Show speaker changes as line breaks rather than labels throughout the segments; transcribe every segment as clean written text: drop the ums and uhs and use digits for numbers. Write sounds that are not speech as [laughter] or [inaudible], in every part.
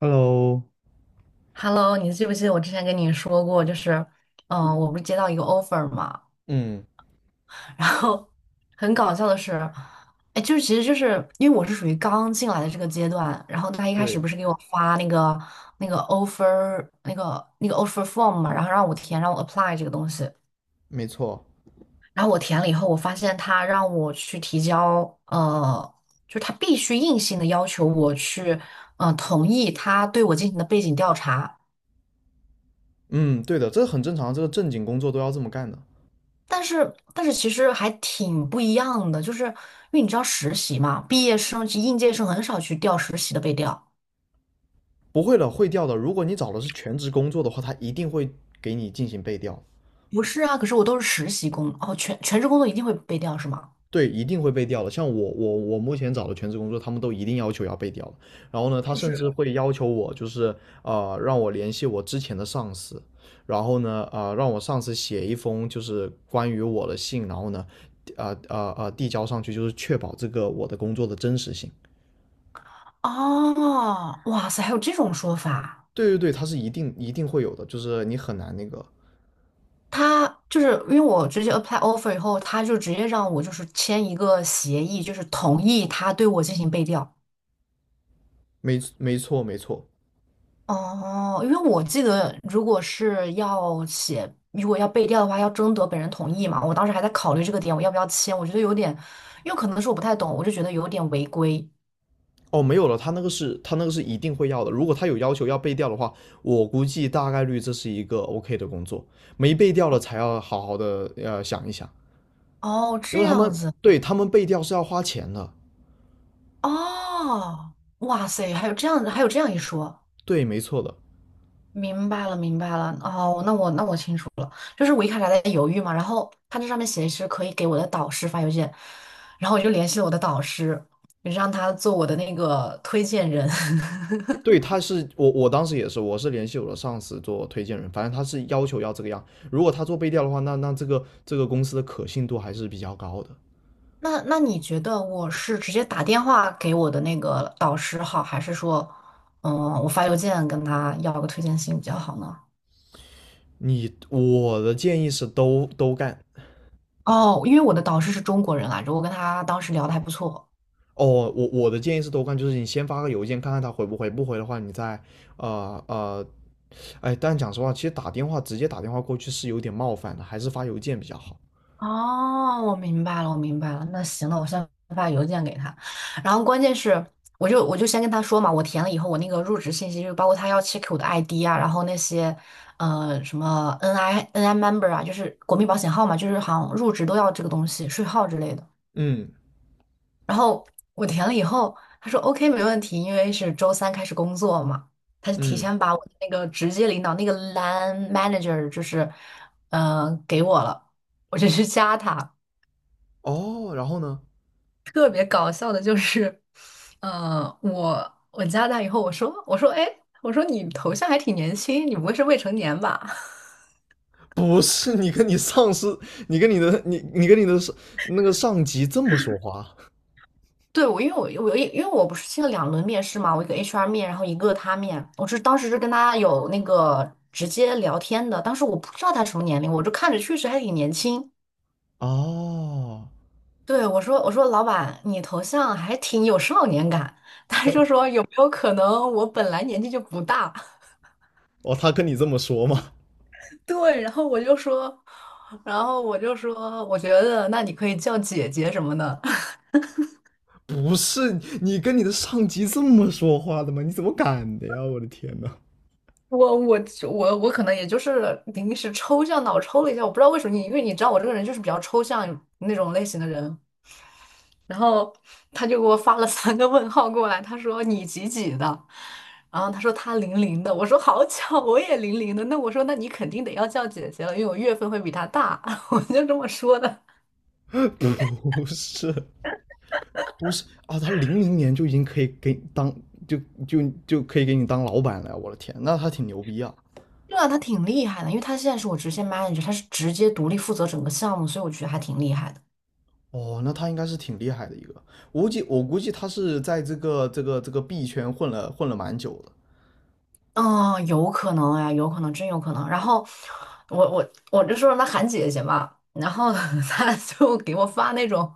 Hello，
Hello，你记不记得我之前跟你说过，就是，我不是接到一个 offer 嘛，
嗯，
然后很搞笑的是，哎，就是其实就是因为我是属于刚进来的这个阶段，然后他一开始
对，
不是给我发那个那个 offer form 嘛，然后让我填，让我 apply 这个东西，
没错，
然后我填了以后，我发现他让我去提交，就是他必须硬性的要求我去，同意他对我进行的背景调查。
嗯，对的，这很正常，这个正经工作都要这么干的。
但是其实还挺不一样的，就是因为你知道实习嘛，毕业生及应届生很少去调实习的被调。
不会的会调的。如果你找的是全职工作的话，他一定会给你进行背调，
不是啊，可是我都是实习工，哦，全职工作一定会被调是吗？
对，一定会背调的。像我，我目前找的全职工作，他们都一定要求要背调的。然后呢，他甚至会要求我，就是让我联系我之前的上司，然后呢，让我上司写一封就是关于我的信，然后呢，递交上去，就是确保这个我的工作的真实性。
哦，哇塞，还有这种说法。
对对对，他是一定会有的，就是你很难那个，
他就是因为我直接 apply offer 以后，他就直接让我就是签一个协议，就是同意他对我进行被调。
没没错没错。
哦，因为我记得，如果是要写，如果要背调的话，要征得本人同意嘛。我当时还在考虑这个点，我要不要签？我觉得有点，因为可能是我不太懂，我就觉得有点违规。
哦，没有了，他那个是一定会要的。如果他有要求要背调的话，我估计大概率这是一个 OK 的工作。没背调了才要好好的想一想，
哦，
因
这
为他
样
们
子，
对他们背调是要花钱的。
哦，哇塞，还有这样，还有这样一说，
对，没错的。
明白了，明白了。哦，那我清楚了，就是我一开始还在犹豫嘛，然后他这上面写的是可以给我的导师发邮件，然后我就联系了我的导师，让他做我的那个推荐人。
对，
[laughs]
他是我当时也是，我是联系我的上司做推荐人，反正他是要求要这个样。如果他做背调的话，那这个公司的可信度还是比较高的。
那你觉得我是直接打电话给我的那个导师好，还是说，嗯，我发邮件跟他要个推荐信比较好呢？
你我的建议是都干。
哦，因为我的导师是中国人来着，我跟他当时聊的还不错。
哦，我我的建议是都干，就是你先发个邮件看看他回不回，不回的话你再呃呃，哎，但讲实话，其实打电话直接打电话过去是有点冒犯的，还是发邮件比较好。
哦，我明白了，我明白了。那行了，我先发邮件给他。然后关键是，我就先跟他说嘛，我填了以后，我那个入职信息就包括他要 check 我的 ID 啊，然后那些什么 NI member 啊，就是国民保险号嘛，就是好像入职都要这个东西，税号之类的。
嗯
然后我填了以后，他说 OK 没问题，因为是周三开始工作嘛，他就提
嗯，
前把我的那个直接领导那个 line manager 就是，给我了，我就去加他。
哦，然后呢？
特别搞笑的就是，我加他以后，我说哎，我说你头像还挺年轻，你不会是未成年吧？[laughs]
不是你跟你上司，你跟你的你跟你的上那个上级这么说话。
对，我因为我不是去了两轮面试嘛，我一个 HR 面，然后一个他面，我是当时是跟他有那个直接聊天的，当时我不知道他什么年龄，我就看着确实还挺年轻。
哦，
对，我说老板，你头像还挺有少年感，他就
[laughs]
说有没有可能我本来年纪就不大？
哦，他跟你这么说吗？
[laughs] 对，然后我就说，我觉得那你可以叫姐姐什么的。
不是你跟你的上级这么说话的吗？你怎么敢的呀？我的天呐，
我我我可能也就是临时抽象脑抽了一下，我不知道为什么你，因为你知道我这个人就是比较抽象那种类型的人，然后他就给我发了三个问号过来，他说你几几的，然后他说他零零的，我说好巧，我也零零的，那我说那你肯定得要叫姐姐了，因为我月份会比他大，[laughs] 我就这么说的。
不是，不是啊，他零零年就已经可以给当就就可以给你当老板了呀！我的天，那他挺牛逼啊！
对啊，他挺厉害的，因为他现在是我直线 manager，他是直接独立负责整个项目，所以我觉得还挺厉害的。
哦，那他应该是挺厉害的一个，我估计他是在这个币圈混了蛮久的。
嗯，有可能呀，有可能，真有可能。然后我就说让他喊姐姐嘛，然后 [laughs] 他就给我发那种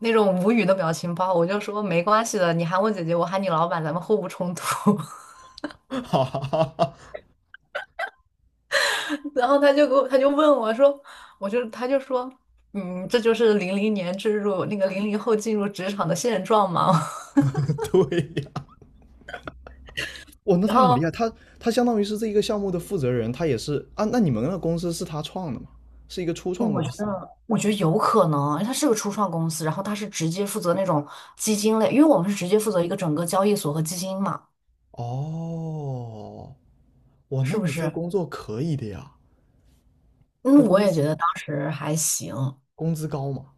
那种无语的表情包，我就说没关系的，你喊我姐姐，我喊你老板，咱们互不冲突。
[laughs] 哈哈哈哈，
[laughs] 然后他就给我，他就问我说，我就他就说，这就是零零年进入那个零零后进入职场的现状嘛。
对呀，
[laughs]
哇，那
然
他很厉
后
害，他相当于是这一个项目的负责人，他也是啊，那你们那个公司是他创的吗？是一个初创公司。
我觉得有可能，他是个初创公司，然后他是直接负责那种基金类，因为我们是直接负责一个整个交易所和基金嘛，
哦，哇，那
是不
你这
是？
工作可以的呀。那
嗯，我
工
也
资
觉得当时还行，
工资高嘛？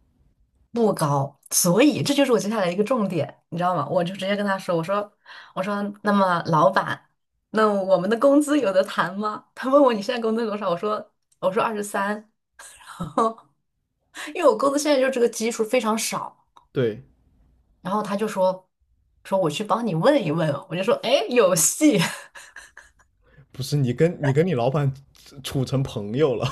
不高，所以这就是我接下来一个重点，你知道吗？我就直接跟他说，我说，那么老板，那我们的工资有的谈吗？他问我你现在工资多少，我说，二十三，[laughs] 因为我工资现在就这个基数非常少，
对，
然后他就说我去帮你问一问，我就说哎有戏，[laughs]
不是你跟你老板处成朋友了？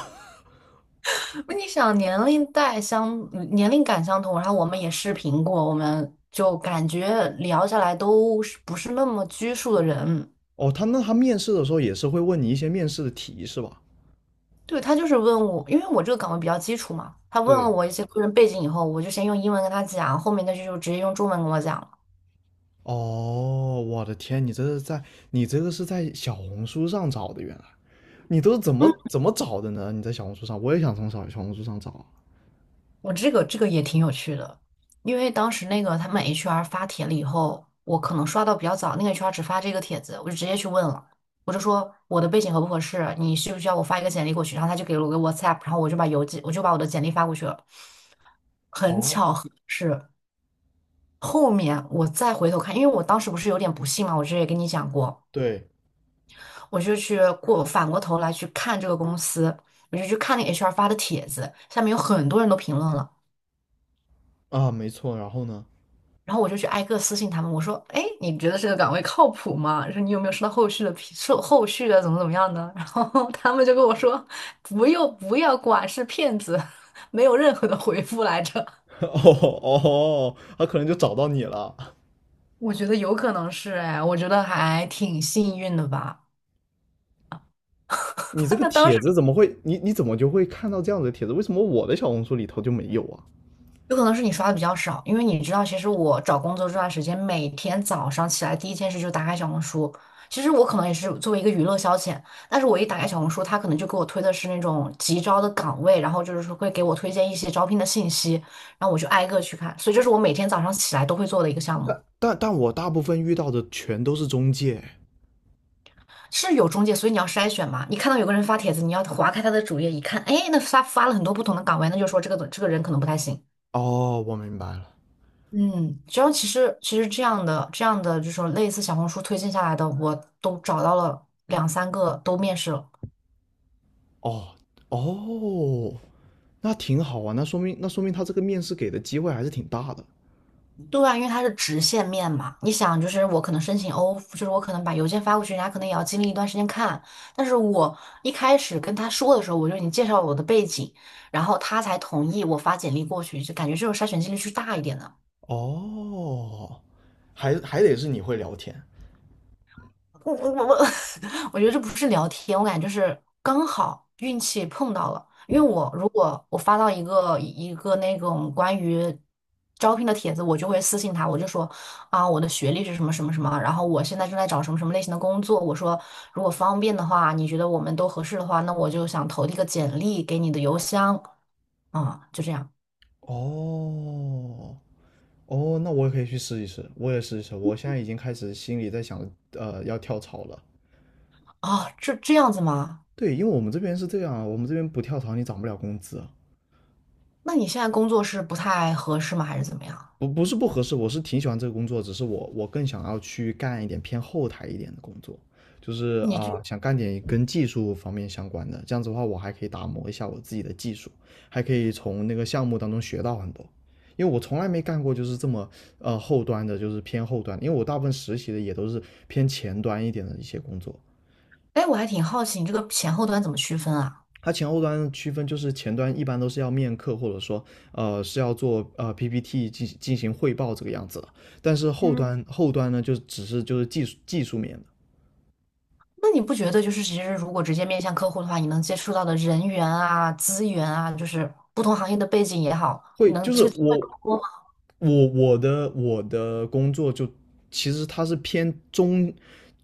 你想年龄代相年龄感相同，然后我们也视频过，我们就感觉聊下来都是不是那么拘束的人。
[laughs] 哦，他那他面试的时候也是会问你一些面试的题是吧？
对，他就是问我，因为我这个岗位比较基础嘛，他问了
对，
我一些个人背景以后，我就先用英文跟他讲，后面那句就直接用中文跟我讲了。
哦，我的天，你这是在你这个是在小红书上找的，原来你都是怎
嗯
么怎么找的呢？你在小红书上，我也想从小红书上找啊。
我这个也挺有趣的，因为当时他们 HR 发帖了以后，我可能刷到比较早，那个 HR 只发这个帖子，我就直接去问了，我就说我的背景合不合适，你需不需要我发一个简历过去？然后他就给了我个 WhatsApp，然后我就把我的简历发过去了。很
哦，
巧合是后面我再回头看，因为我当时不是有点不信嘛，我之前也跟你讲过，
对
我就去过反过头来去看这个公司，我就去看那个 HR 发的帖子，下面有很多人都评论了，
啊，没错，然后呢？
然后我就去挨个私信他们，我说：“哎，你觉得这个岗位靠谱吗？说你有没有收到后续的怎么怎么样呢？”然后 [laughs] 他们就跟我说：“不用，不要管，是骗子，[laughs] 没有任何的回复来着。”
[laughs] 哦哦，他可能就找到你了。
我觉得有可能是哎，我觉得还挺幸运的吧。
你这
[laughs]
个
那当
帖
时。
子怎么会？你你怎么就会看到这样的帖子？为什么我的小红书里头就没有啊？
有可能是你刷的比较少，因为你知道，其实我找工作这段时间，每天早上起来第一件事就打开小红书。其实我可能也是作为一个娱乐消遣，但是我一打开小红书，他可能就给我推的是那种急招的岗位，然后就是说会给我推荐一些招聘的信息，然后我就挨个去看。所以这是我每天早上起来都会做的一个项目，
但我大部分遇到的全都是中介。
是有中介，所以你要筛选嘛。你看到有个人发帖子，你要划开他的主页一看，哎，那发了很多不同的岗位，那就说这个人可能不太行。
哦，我明白了。
嗯，只要其实这样的这种类似小红书推荐下来的，我都找到了两三个都面试了。
哦哦，那挺好啊，那说明他这个面试给的机会还是挺大的。
对啊，因为它是直线面嘛，你想就是我可能申请 o 就是我可能把邮件发过去，人家可能也要经历一段时间看。但是我一开始跟他说的时候，我就已经介绍了我的背景，然后他才同意我发简历过去，就感觉这种筛选几率是大一点的。
哦，还得是你会聊天。
我我我，[laughs] 我觉得这不是聊天，我感觉就是刚好运气碰到了。因为我如果我发到一个一个那种关于招聘的帖子，我就会私信他，我就说啊，我的学历是什么什么什么，然后我现在正在找什么什么类型的工作。我说如果方便的话，你觉得我们都合适的话，那我就想投递个简历给你的邮箱啊，就这样
哦哦，那我也可以去试一试，我也试一试。我现在已经开始心里在想，要跳槽了。
啊，这样子吗？
对，因为我们这边是这样啊，我们这边不跳槽你涨不了工资啊，
那你现在工作是不太合适吗？还是怎么样？
不是不合适，我是挺喜欢这个工作，只是我更想要去干一点偏后台一点的工作，就是
你
啊、想干点跟技术方面相关的，这样子的话我还可以打磨一下我自己的技术，还可以从那个项目当中学到很多，因为我从来没干过就是这么后端的，就是偏后端，因为我大部分实习的也都是偏前端一点的一些工作。
哎，我还挺好奇你这个前后端怎么区分啊？
它前后端区分就是前端一般都是要面客，或者说是要做PPT 进行汇报这个样子的，但是后
嗯，
端后端呢就只是就是技术面的，
那你不觉得就是其实如果直接面向客户的话，你能接触到的人员啊、资源啊，就是不同行业的背景也好，
会
能
就是
这个机会
我
更多吗？
我我的我的工作就其实它是偏中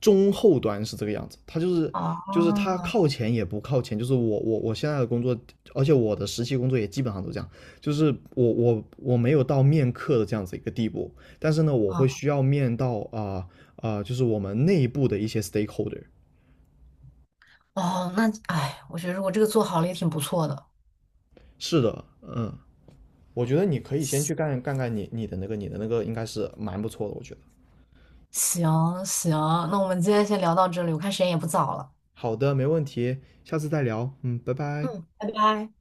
后端是这个样子，它就是就是它
哦
靠前也不靠前，就是我现在的工作，而且我的实习工作也基本上都这样，就是我没有到面客的这样子一个地步，但是呢，我会
哦
需要面到就是我们内部的一些 stakeholder。
哦，那哎，我觉得如果这个做好了也挺不错的。
是的，嗯，我觉得你可以先去干你的那个你的那个应该是蛮不错的，我觉得。
行行，那我们今天先聊到这里，我看时间也不早了。
好的，没问题，下次再聊，嗯，拜拜。
嗯，拜拜。